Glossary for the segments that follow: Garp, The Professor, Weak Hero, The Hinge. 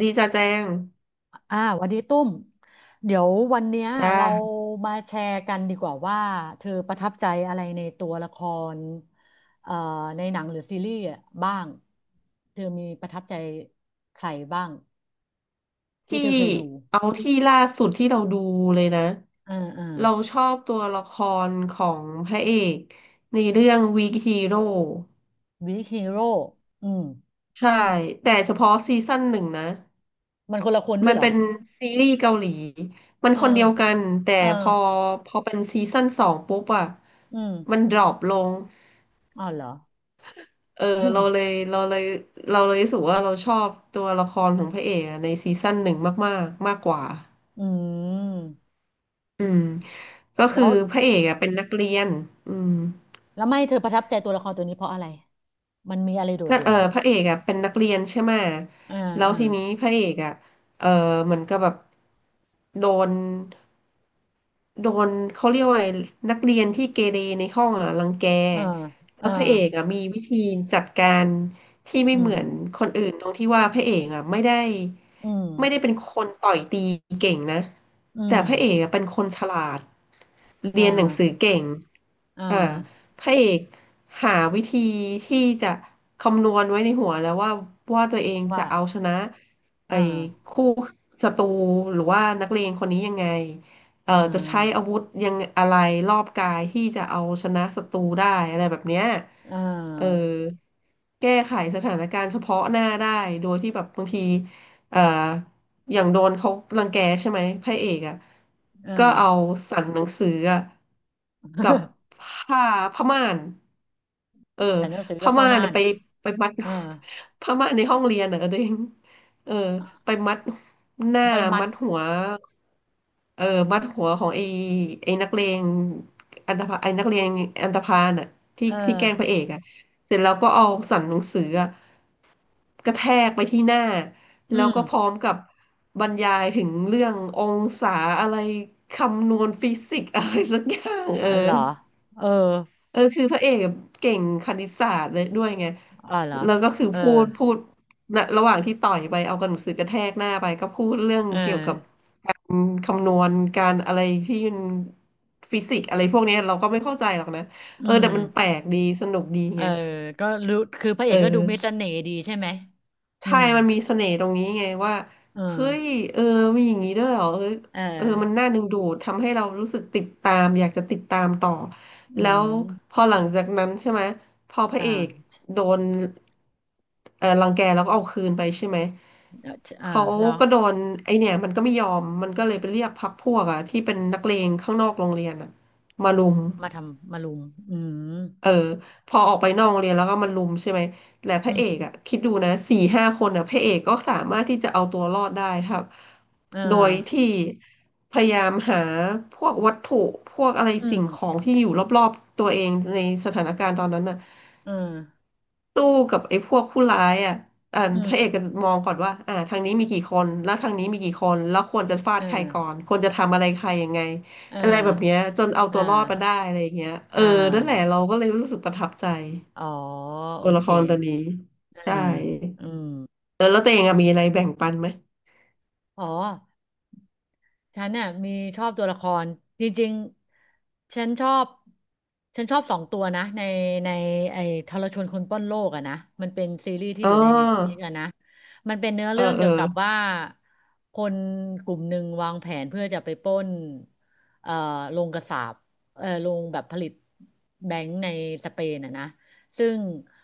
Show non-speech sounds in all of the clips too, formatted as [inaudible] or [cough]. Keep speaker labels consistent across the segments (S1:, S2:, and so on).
S1: ดีจ้าแจ้ง
S2: วันนี้ตุ้มเดี๋ยววันเนี้ย
S1: จ้า
S2: เรามาแชร์กันดีกว่าว่าเธอประทับใจอะไรในตัวละครเอ่อในหนังหรือซีรีส์อะบ้างเธอมีประทับใจใครบ้างที่
S1: ที่
S2: เธอเคยดู
S1: เอาที่ล่าสุดที่เราดูเลยนะ
S2: อ่าอ่า
S1: เราชอบตัวละครของพระเอกในเรื่อง Weak Hero
S2: วิกฮีโร่อืม
S1: ใช่แต่เฉพาะซีซั่นหนึ่งนะ
S2: มันคนละคนด้ว
S1: มั
S2: ย
S1: น
S2: เหรอ
S1: เป็นซีรีส์เกาหลีมัน
S2: เออ
S1: คนเดียวกันแต่
S2: เออ
S1: พอพอเป็นซีซั่นสองปุ๊บอะ
S2: อืม
S1: มันดรอปลง
S2: อ๋อเหรอ
S1: เออเรา
S2: [laughs]
S1: เลยเราเลยเราเลยรู้สึกว่าเราชอบตัวละครของพระเอกอะในซีซั่นหนึ่งมากๆมากกว่า
S2: อืม
S1: อืมก็คื
S2: แล้
S1: อ
S2: ว
S1: พระเอกอะเป็นนักเรียนอืม
S2: แล้วไม่เธอประทับใจตัวละครตัวนี้เพราะอะไรมันมีอะไรโดด
S1: ก็
S2: เด่
S1: เอ
S2: น
S1: อ
S2: เหรอ
S1: พระเอกอ่ะเป็นนักเรียนใช่ไหม
S2: อ่า
S1: แล้ว
S2: อ่า
S1: ทีนี้พระเอกอ่ะเออเหมือนกับแบบโดนโดนเขาเรียกว่าไงนักเรียนที่เกเรในห้องอ่ะรังแก
S2: อ่า
S1: แล้
S2: อ่า
S1: วพระเอกอ่ะมีวิธีจัดการที่ไม่
S2: อื
S1: เหมื
S2: ม
S1: อนคนอื่นตรงที่ว่าพระเอกอ่ะไม่ได้
S2: อืม
S1: ไม่ได้เป็นคนต่อยตีเก่งนะ
S2: อื
S1: แต่
S2: ม
S1: พระเอกอ่ะเป็นคนฉลาดเรี
S2: อ่า
S1: ยนหนังสือเก่ง
S2: อ่า
S1: อ่า พระเอกหาวิธีที่จะคำนวณไว้ในหัวแล้วว่าตัวเอง
S2: ว่า
S1: จะเอาชนะ
S2: อ่า
S1: ไอ้คู่ศัตรูหรือว่านักเลงคนนี้ยังไง
S2: อ่
S1: จะใช้อา
S2: า
S1: วุธยังอะไรรอบกายที่จะเอาชนะศัตรูได้อะไรแบบเนี้ย
S2: อ่
S1: เออ
S2: า
S1: แก้ไขสถานการณ์เฉพาะหน้าได้โดยที่แบบบางที เอ่ออย่างโดนเขารังแกใช่ไหมพระเอกอ่ะ
S2: อ่า
S1: ก็เอาสั่นหนังสืออะกับผ
S2: [laughs]
S1: ้าผ้าม่านเออ
S2: แต่หนังสือกั
S1: ผ้า
S2: บผ้า
S1: ม่าน
S2: ม่า
S1: อะ
S2: น
S1: ไปมัด
S2: เออ
S1: [laughs] ผ้าม่านในห้องเรียนอ่ะตัวเองเออไปมัดหน้า
S2: เอาไปมัด
S1: มัดหัวเออมัดหัวของไอ้นักเลงอันธพาลไอ้นักเลงอันธพาลน่ะที่
S2: เออ
S1: ที่แกล้งพระเอกอ่ะเสร็จแล้วก็เอาสั่นหนังสืออะกระแทกไปที่หน้า
S2: อื
S1: แล้วก็พร้
S2: ม
S1: อมกับบรรยายถึงเรื่ององศาอะไรคำนวณฟิสิกส์อะไรสักอย่างเอ
S2: เหร
S1: อ
S2: อเออ
S1: เออคือพระเอกเก่งคณิตศาสตร์เลยด้วยไง
S2: อ๋อเหรอ
S1: แล้วก็คือ
S2: เออ
S1: พูดนะระหว่างที่ต่อยไปเอากระหนังสือกระแทกหน้าไปก็พูดเรื่อง
S2: เออ
S1: เกี่ยวกับอืมคำนวณการอะไรที่มันฟิสิกส์อะไรพวกเนี้ยเราก็ไม่เข้าใจหรอกนะ
S2: อื
S1: เออ
S2: ม
S1: แต่มันแปลกดีสนุกดี
S2: เออ
S1: ไง
S2: ก็รู้คือพระเอ
S1: เอ
S2: กก็ดูมีเส
S1: อ
S2: น่ห์ดีใช่ไหมอื
S1: ใช่
S2: ม
S1: มันมีเสน่ห์ตรงนี้ไงว่า
S2: เอ
S1: เฮ้ย
S2: อ
S1: เออมีอย่างนี้ด้วยเหรอเออ
S2: เอ
S1: เออมัน
S2: อ
S1: น่าดึงดูดทำให้เรารู้สึกติดตามอยากจะติดตามต่อ
S2: อื
S1: แล้วพ
S2: ม
S1: อหลังจากนั้นใช่ไหมพอพระ
S2: อ่า
S1: เอกโดนเออรังแกแล้วก็เอาคืนไปใช่ไหม
S2: อ่า
S1: เขา
S2: เหรอ
S1: ก็โดนไอเนี่ยมันก็ไม่ยอมมันก็เลยไปเรียกพรรคพวกอะที่เป็นนักเลงข้างนอกโรงเรียนอะมารุม
S2: มาทำมารุมอืม
S1: เออพอออกไปนอกโรงเรียนแล้วก็มันลุมใช่ไหมแต่พ
S2: อื
S1: ระเอ
S2: ม
S1: กอ่ะคิดดูนะสี่ห้าคนอ่ะพระเอกก็สามารถที่จะเอาตัวรอดได้ครับ
S2: เออ
S1: โดยที่พยายามหาพวกวัตถุพวกอะไร
S2: อื
S1: สิ่
S2: ม
S1: งของที่อยู่รอบๆตัวเองในสถานการณ์ตอนนั้นน่ะ
S2: เออ
S1: สู้กับไอ้พวกผู้ร้ายอ่ะอ่า
S2: อื
S1: พ
S2: ม
S1: ระเอกก็มองก่อนว่าอ่าทางนี้มีกี่คน แล้วทางนี้มีกี่คนแล้วควรจะฟา
S2: เอ
S1: ด
S2: อ
S1: ใครก่อนควรจะทำอะไรใครยังไง
S2: เออ
S1: อะไรแบบเนี้ยจนเอา
S2: เออ
S1: ตัวรอดมาได้อะไรอย่างเงี้ยเออ
S2: อ่
S1: นั่นแหละ
S2: า
S1: เราก็เลยรู้สึกประทับใจ
S2: อ๋อโอ
S1: ตัวละ
S2: เค
S1: ครตัวนี้
S2: อื
S1: ใช่
S2: มอืม
S1: เออแล้วตัวเองอะมีอะไรแบ่งปันไหม
S2: อ๋อ ฉันเนี่ยมีชอบตัวละครจริงๆ ฉันชอบ2 ตัวนะในไอ้ทรชนคนปล้นโลกอะนะมันเป็นซีรีส์ที่
S1: อ๋
S2: อยู่ในเน็ตฟลิก
S1: อ
S2: อะนะมันเป็นเนื้อ
S1: เออ
S2: เรื่อง
S1: เอ
S2: เกี่
S1: อ
S2: ยวกับว่าคนกลุ่มหนึ่งวางแผนเพื่อจะไปปล้นเอ่อโรงกษาปโรงแบบผลิตแบงก์ในสเปนอะนะซึ่ง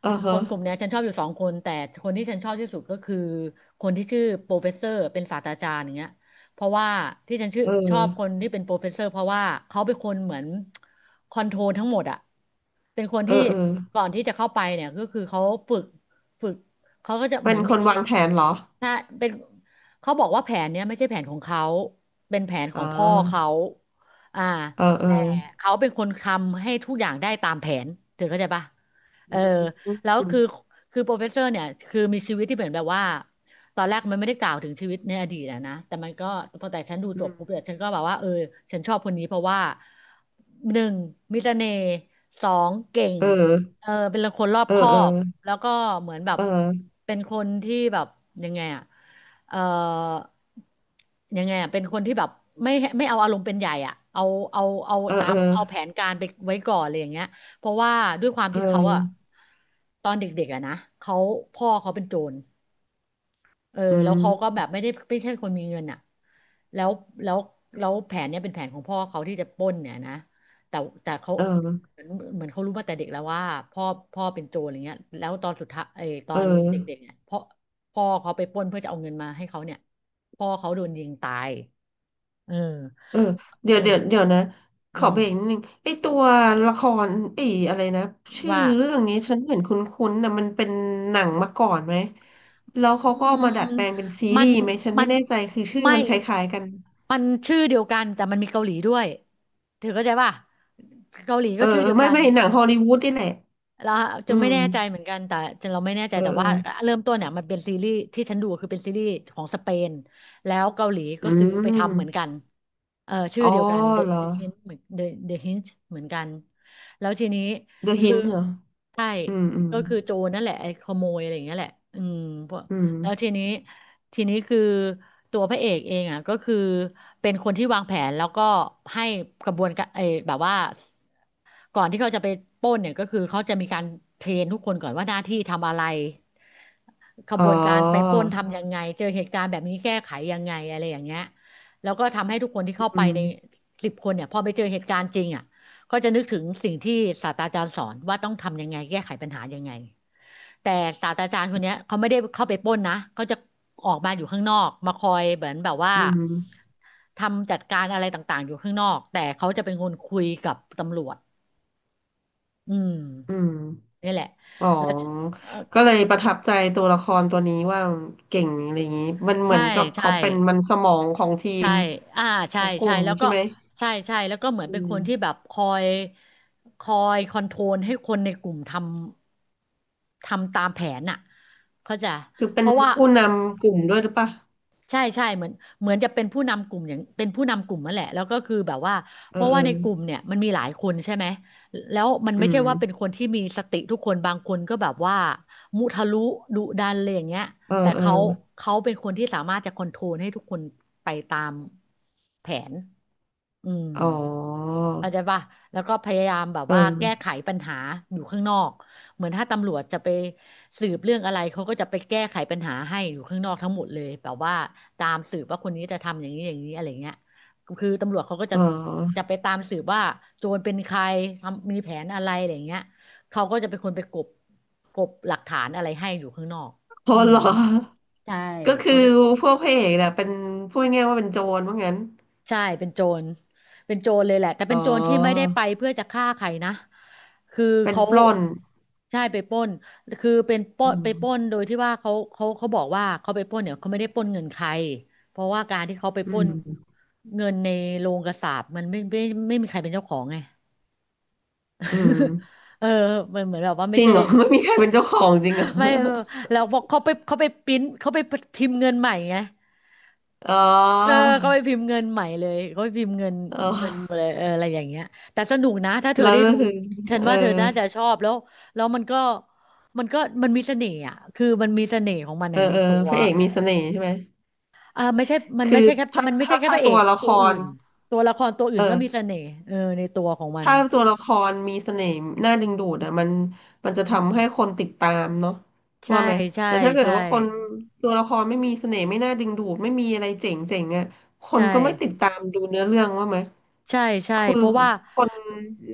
S1: เออ
S2: ค
S1: ฮะ
S2: นกลุ่มเนี้ยฉันชอบอยู่2 คนแต่คนที่ฉันชอบที่สุดก็คือคนที่ชื่อโปรเฟสเซอร์เป็นศาสตราจารย์อย่างเงี้ย เพราะว่าที่ฉันชื่อ
S1: เอ
S2: ชอบคน
S1: อ
S2: ที่เป็นโปรเฟสเซอร์เพราะว่าเขาเป็นคนเหมือนคอนโทรลทั้งหมดอะเป็นคน
S1: เออ
S2: ที่
S1: เออ
S2: ก่อนที่จะเข้าไปเนี่ยก็คือเขาฝึกฝึกเขาก็จะเห
S1: เป็
S2: มื
S1: น
S2: อน
S1: ค
S2: มี
S1: น
S2: ที่
S1: วางแผนเหรอ
S2: ถ้าเป็นเขาบอกว่าแผนเนี้ยไม่ใช่แผนของเขาเป็นแผนขอ
S1: อ่
S2: งพ่อเขา
S1: า
S2: อ่า
S1: เออเออ
S2: แต่เขาเป็นคนทำให้ทุกอย่างได้ตามแผนเธอเข้าใจปะ
S1: อื
S2: เออ
S1: ม
S2: แล้ว
S1: อืม
S2: คือโปรเฟสเซอร์เนี่ยคือมีชีวิตที่เหมือนแบบว่า ตอนแรกมันไม่ได้กล่าวถึงชีวิตในอดีตอะนะแต่มันก็พอแต่ฉันดู
S1: อื
S2: จบปุ๊บเนี่ย
S1: ม
S2: ฉันก็แบบว่าเออฉันชอบคนนี้เพราะว่าหนึ่งมีเสน่ห์สองเก่ง
S1: เออ
S2: เออเป็นคนรอบ
S1: เออ
S2: คอ
S1: เออ
S2: บแล้วก็เหมือนแบบ
S1: เออ
S2: เป็นคนที่แบบยังไงอะเออยังไงอะเป็นคนที่แบบไม่ไม่เอาอารมณ์เป็นใหญ่อ่ะเอาเอา
S1: เออ
S2: ตา
S1: เออ
S2: มเอาแผนการไปไว้ก่อนอะไรอย่างเงี้ยเพราะว่าด้วยความ
S1: เ
S2: ที่เขาอะ
S1: ออ
S2: ตอนเด็กๆอะนะเขาพ่อเขาเป็นโจร เออ
S1: อื
S2: แล้วเขาก็แบ
S1: ม
S2: บไม่ได้ไม่ใช่คนมีเงินอ่ะแล้วแล้วแล้วแผนเนี้ยเป็นแผนของพ่อเขาที่จะปล้นเนี่ยนะแต่แต่เขา
S1: เออ
S2: เหมือนเหมือนเขารู้มาแต่เด็กแล้วว่าพ่อพ่อเป็นโจรอะไรเงี้ยแล้วตอนสุดท้ายเออตอ
S1: เออ
S2: นเด็กๆเนี่ยพ่อพ่อเขาไปปล้นเพื่อจะเอาเงินมาให้เขาเนี่ยพ่อเขาโดนยิงตายเออ
S1: เออเดี๋ย
S2: เออ
S1: วเดี๋ยวเดี๋ยวนะข
S2: อื
S1: อ
S2: ม
S1: เบรกนิดนึงไอตัวละครไออะไรนะชื่อ
S2: ว่า
S1: เรื่องนี้ฉันเห็นคุ้นๆนะมันเป็นหนังมาก่อนไหมแล้ว
S2: อื
S1: เขาก็เอา
S2: ม
S1: มาดัดแปลงเป็นซี
S2: มั
S1: รี
S2: น
S1: ส์ไหมฉัน
S2: มั
S1: ไม่
S2: น
S1: แน่ใจคือชื่อ
S2: ไม่
S1: มันคล้ายๆกัน
S2: มันชื่อเดียวกันแต่มันมีเกาหลีด้วยเธอเข้าใจป่ะเกาหลี
S1: เอ
S2: ก็
S1: อ
S2: ชื่อ
S1: เออ
S2: เดียว
S1: ไม่
S2: กัน
S1: ไม่หนังฮอลลีวูดนี่แหละ
S2: เราจะ
S1: อื
S2: ไม่
S1: ม
S2: แน่ใจเหมือนกันแต่จะเราไม่แน่ใจ
S1: เออ
S2: แต่
S1: เออ
S2: ว่าเริ่มต้นเนี่ยมันเป็นซีรีส์ที่ฉันดูคือเป็นซีรีส์ของสเปนแล้วเกาหลี
S1: อื
S2: ก็ซื้อไปทำเหมือนกั
S1: ม
S2: นเออชื่อ
S1: อ๋อ
S2: เดียวกัน The
S1: เหรอ
S2: The Hinge เหมือน The Hinge เหมือนกันแล้วทีนี้
S1: The
S2: คือ
S1: Hint เหรอ
S2: ใช่
S1: อืมอืม
S2: ก็คือโจรนั่นแหละไอ้ขโมยอะไรอย่างเงี้ยแหละอืมพวก
S1: อืม
S2: แล้วทีนี้คือตัวพระเอกเองอ่ะก็คือเป็นคนที่วางแผนแล้วก็ให้กระบวนการไอ้แบบว่า ก่อนที่เขาจะไปปล้นเนี่ยก็คือเขาจะมีการเทรนทุกคนก่อนว่าหน้าที่ทำอะไรข
S1: อ๋
S2: บ
S1: อ
S2: วนการไปปล้นทำยังไงเจอเหตุการณ์แบบนี้แก้ไขยังไงอะไรอย่างเงี้ยแล้วก็ทำให้ทุกคนที่
S1: อื
S2: เข้าไป
S1: ม
S2: ใน10 คนเนี่ยพอไปเจอเหตุการณ์จริงอ่ะก็จะนึกถึงสิ่งที่ศาสตราจารย์สอนว่าต้องทำยังไงแก้ไขปัญหายังไงแต่ศาสตราจารย์คนเนี้ยเขาไม่ได้เข้าไปปล้นนะเขาจะออกมาอยู่ข้างนอกมาคอยเหมือนแบบว่า
S1: อืม
S2: ทำจัดการอะไรต่างๆอยู่ข้างนอกแต่เขาจะเป็นคนคุยกับตำรวจอืม
S1: อืม
S2: นี่แหละ
S1: อ๋อ
S2: แล้วเอ่อ
S1: ก็เลยประทับใจตัวละครตัวนี้ว่าเก่งอะไรอย่างนี้มันเหมื
S2: ใช่
S1: อนกับ
S2: ใช่
S1: เขาเป็นมันสมองของที
S2: ใช่
S1: ม
S2: อ่า
S1: ข
S2: ใช่
S1: องก
S2: ใช่
S1: ลุ่ม
S2: แล้ว
S1: ใช่
S2: ก็
S1: ไหม
S2: ใช่ใช่ แล้วก็เหมือน
S1: อื
S2: เป็น
S1: ม
S2: คนที่แบบคอยคอนโทรลให้คนในกลุ่มทำตามแผนน่ะเข้าใจ
S1: คือ
S2: เพ
S1: เป็น
S2: ราะว่า
S1: ผู้นำกลุ่มด้วยหรือปะ
S2: ใช่เหมือนจะเป็นผู้นำกลุ่มอย่างเป็นผู้นำกลุ่มนั่นแหละแล้วก็คือแบบว่าเพ
S1: เออ
S2: ราะ
S1: เอ
S2: ว่า
S1: อ
S2: ในกลุ่มเนี่ยมันมีหลายคนใช่ไหมแล้วมัน
S1: อื
S2: ไม่ใช่
S1: ม
S2: ว่าเป็นคนที่มีสติทุกคนบางคนก็แบบว่ามุทะลุดุดันอะไรอย่างเงี้ย
S1: เออ
S2: แต่
S1: เออ
S2: เขาเป็นคนที่สามารถจะคอนโทรลให้ทุกคนไปตามแผนอืม
S1: อ๋อ
S2: เข้าใจป่ะแล้วก็พยายามแบบว่าแก้
S1: เออ
S2: ไขปัญหาอยู่ข้างนอกเหมือนถ้าตำรวจจะไปสืบเรื่องอะไรเขาก็จะไปแก้ไขปัญหาให้อยู่ข้างนอกทั้งหมดเลยแบบว่าตามสืบว่าคนนี้จะทำอย่างนี้อย่างนี้อะไรเงี้ยคือตำรวจเขาก็
S1: เอ
S2: จะ
S1: อ
S2: ไปตามสืบว่าโจรเป็นใครทำมีแผนอะไรอะไรเงี้ยเขาก็จะเป็นคนไปกบกบหลักฐานอะไรให้อยู่ข้างนอก
S1: อ๋อ
S2: อื
S1: เหร
S2: ม
S1: อ
S2: ใช่
S1: ก็คือ
S2: เขา
S1: พวกพระเอกเนี่ยเป็นพูดง่ายๆว่าเป็นโจรว่างั้น
S2: ใช่เป็นโจรเป็นโจรเลยแหละแต่
S1: อ๋อ
S2: เป็นโจรที่ไม่ได้ไปเพื่อจะฆ่าใครนะคือ
S1: เป็น
S2: เขา
S1: ปล้น
S2: ใช่ไปปล้นคือเป็นปล้
S1: อื
S2: นไปปล้น
S1: ม
S2: โดยที่ว่าเขาบอกว่าเขาไปปล้นเนี่ยเขาไม่ได้ปล้นเงินใครเพราะว่าการที่เขาไป
S1: อื
S2: ปล้น
S1: ม
S2: เงินในโรงกษาปณ์มันไม่ไมมีใครเป็นเจ้าของไง
S1: อืม
S2: [laughs] เออมันเหมือนแบบว่าไม่
S1: จริง
S2: ใช่
S1: เหรอ [laughs] ไม่มีใครเป็นเจ้าของจริงเหรอ
S2: ไม่ไม่แล้วบอกเขาไปเขาไปปริ้นเขาไปพิมพ์เงินใหม่ไง
S1: อ๋อ
S2: เออเขาไปพิมพ์เงินใหม่เลยเขาไปพิมพ์เงิน
S1: อ๋อ
S2: เงินมาเลยเอออะไรอย่างเงี้ยแต่สนุกนะถ้าเธอ
S1: แล้ว
S2: ได้
S1: ก็
S2: ดู
S1: คือ
S2: ฉัน
S1: เออ
S2: ว่าเธอน่าจะชอบแล้วแล้วมันก็มันมีเสน่ห์อ่ะคือมันมีเสน่ห์ของมัน
S1: เออ
S2: อะใน
S1: เออ
S2: ตัว
S1: พระเอก
S2: เออ
S1: มีเสน่ห์ใช่ไหม
S2: เอาไม่ใช่
S1: คือถ้า
S2: มันไม่ใช่
S1: ถ้า
S2: แค่
S1: ถ้า
S2: พระเอ
S1: ตัว
S2: ก
S1: ละค
S2: ตัวอื่
S1: ร
S2: นตัวละครตัวอื่นก็มี
S1: เออ
S2: เสน่ห์เออในตัวของมัน
S1: ถ้าตัวละครมีเสน่ห์น่าดึงดูดอ่ะมัน
S2: อื
S1: จะ
S2: ม
S1: ทำให้คนติดตามเนาะ
S2: ใช่
S1: ว่าไหม
S2: ใช่
S1: แต่ถ้าเกิด
S2: ใช่
S1: ว่าคนตัวละครไม่มีเสน่ห์ไม่น่าดึงดูดไม่มีอะไรเจ๋งเจ๋งอ่ะคน
S2: ใช่
S1: ก็ไม่ติดตามดูเนื้อเรื่องว่าไหม
S2: ใช่ใช่
S1: คือ
S2: เพราะว่า
S1: คน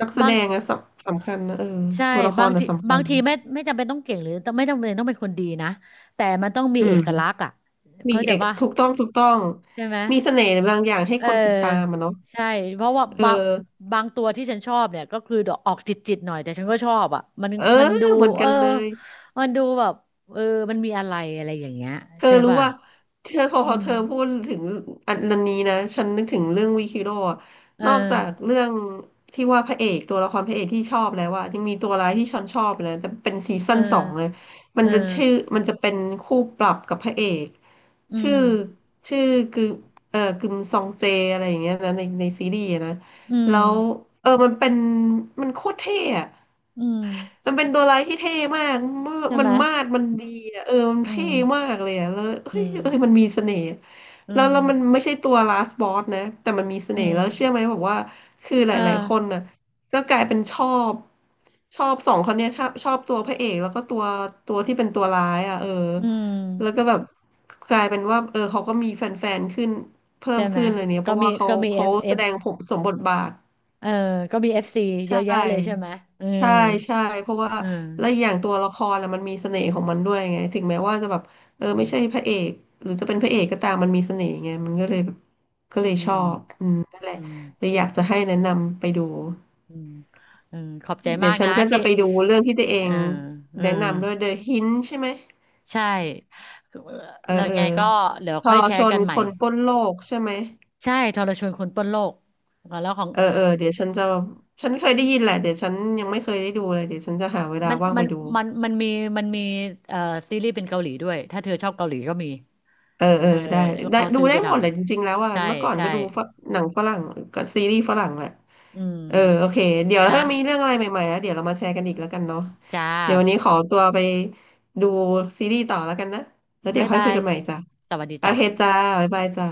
S1: นักแส
S2: บา
S1: ด
S2: ง
S1: งอะสำคัญนะเออ
S2: ใช่
S1: ตัวละค
S2: บา
S1: ร
S2: ง
S1: อะ
S2: ที
S1: สำคัญ
S2: ไม่จำเป็นต้องเก่งหรือไม่จำเป็นต้องเป็นคนดีนะแต่มันต้องมี
S1: อื
S2: เอ
S1: ม
S2: กลักษณ์อ่ะ
S1: มี
S2: เข้าใจ
S1: เอก
S2: ว่า
S1: ถูกต้องถูกต้อง
S2: ใช่ไหม
S1: มีเสน่ห์บางอย่างให้
S2: เ
S1: คนติดตาม
S2: ออ
S1: อะเนาะ
S2: ใช่เพราะว่า
S1: เออ
S2: บางตัวที่ฉันชอบเนี่ยก็คือดอกออกจิตหน่อยแต่ฉันก็ชอบอ่ะมัน
S1: เออ
S2: มันดู
S1: เหมือน
S2: เอ
S1: กั
S2: อ
S1: นเลย
S2: มันดูแบบเออมันมีอะไรอะไรอย่างเงี้ย
S1: เธอ
S2: ใช่
S1: รู้
S2: ป่ะ
S1: ว่าเธอพอ
S2: อื
S1: พอ
S2: ม
S1: เธอพูดถึงอันนั้นนี้นะฉันนึกถึงเรื่องวิคิโร่อะ
S2: เออ
S1: นอกจากเรื่องที่ว่าพระเอกตัวละครพระเอกที่ชอบแล้วว่ายังมีตัวร้ายที่ฉันชอบเลยแต่เป็นซี
S2: เอ
S1: ซั่นสองเลย
S2: อ
S1: มัน
S2: เอ
S1: จะชื่อ
S2: อ
S1: มันจะเป็นคู่ปรับกับพระเอก
S2: อื
S1: ชื่อ
S2: ม
S1: ชื่อคือเออกึมซองเจอะไรอย่างเงี้ยนะในซีรีส์อะนะ
S2: อืม
S1: แล้วเออมันเป็นมันโคตรเท่อะ
S2: อืม
S1: มันเป็นตัวร้ายที่เท่มาก
S2: ใช่
S1: มั
S2: ไห
S1: น
S2: ม
S1: มาดมันดีอะเออมัน
S2: อื
S1: เท่
S2: ม
S1: มากเลยอะแล้ว
S2: อื
S1: เฮ้ย
S2: ม
S1: เอ้ยมันมีเสน่ห์
S2: อื
S1: แล้ว
S2: ม
S1: แล้วมันไม่ใช่ตัว last ส o s s นะแต่มันมีเส
S2: อื
S1: น่ห์แล้วเชื่อไหม
S2: ม
S1: บอกว่าคือห
S2: เออ
S1: ลายๆคนน่ะก็กลายเป็นบชอบสองคนเนี้ยชอบตัวพระเอกแล้วก็ตัวที่เป็นตัวร้ายอ่ะเออ
S2: อืม
S1: แล้วก็แบบกลายเป็นว่าเออเขาก็มีแฟนๆขึ้นเพิ่
S2: ใช่
S1: ม
S2: ไหม
S1: ขึ้นอะไรเนี้ยเพ
S2: ก็
S1: ราะ
S2: มี
S1: ว่าเขา
S2: ก็มีเอ
S1: เขา
S2: ฟเอ
S1: แส
S2: ฟ
S1: ดงผมสมบทบาท
S2: เออก็มีเอฟซี
S1: ใช
S2: เยอะแยะเลยใช่
S1: ่
S2: ไหมอืม
S1: ใช่ใช่เพราะว่า
S2: อืม
S1: และอกอย่างตัวละครอะมันมีเสน่ห์ของมันด้วยไง ถึงแม้ว่าจะแบบ เออไม่
S2: อืม
S1: ใช่พระเอก หรือจะเป็นพระเอกก็ตามมันมีเสน่ห์ไงมันก็เลยแบบก็เลย
S2: อื
S1: ชอ
S2: ม
S1: บอืมนั่น
S2: อื
S1: แหละ
S2: ม
S1: เลยอยากจะให้แนะนำไปดู
S2: อืมเออขอบใจ
S1: เดี๋
S2: มา
S1: ยว
S2: ก
S1: ฉัน
S2: นะ
S1: ก็
S2: ที่
S1: จะไปดูเรื่องที่ตัวเอ
S2: เออ
S1: ง
S2: เออ
S1: แนะนำด้วย The Hint ใช่ไหม
S2: ใช่
S1: เออ
S2: แล้ว
S1: เออ
S2: ไงก็เดี๋ยว
S1: ท
S2: ค่อย
S1: ร
S2: แช
S1: ช
S2: ร์กั
S1: น
S2: นให
S1: ค
S2: ม่
S1: นปล้นโลกใช่ไหม
S2: ใช่ทรชวนคนปล้นโลกแล้วของ
S1: เออเออเดี๋ยวฉันจะฉันเคยได้ยินแหละเดี๋ยวฉันยังไม่เคยได้ดูเลยเดี๋ยวฉันจะหาเวลา
S2: มัน
S1: ว่าง
S2: มั
S1: ไป
S2: น
S1: ดู
S2: มันมันมีเอ่อซีรีส์เป็นเกาหลีด้วยถ้าเธอชอบเกาหลีก็มี
S1: เออเอ
S2: เอ
S1: อ
S2: อ
S1: ได้ได้
S2: เขา
S1: ดู
S2: ซื้อ
S1: ได้
S2: ไปท
S1: หมดแหละจริงๆแล้วอ่ะ
S2: ำใช่
S1: เมื่อก่อน
S2: ใช่
S1: ก็ดูฝังหนังฝรั่งกับซีรีส์ฝรั่งแหละ
S2: อื
S1: เออโอ
S2: ม
S1: เคเดี๋ยว
S2: นะ
S1: ถ้ามีเรื่องอะไรใหม่ๆแล้วเดี๋ยวเรามาแชร์กันอีกแล้วกันเนาะ
S2: จ้า
S1: เดี๋ยววันนี้ขอตัวไปดูซีรีส์ต่อแล้วกันนะแล้วเดี๋
S2: บ๊า
S1: ย
S2: ย
S1: วค่อย
S2: บา
S1: คุย
S2: ย
S1: กันใหม่จ้ะ
S2: สวัสดี
S1: โอเคจ้า
S2: จ้ะ
S1: บ๊ายบายจ้า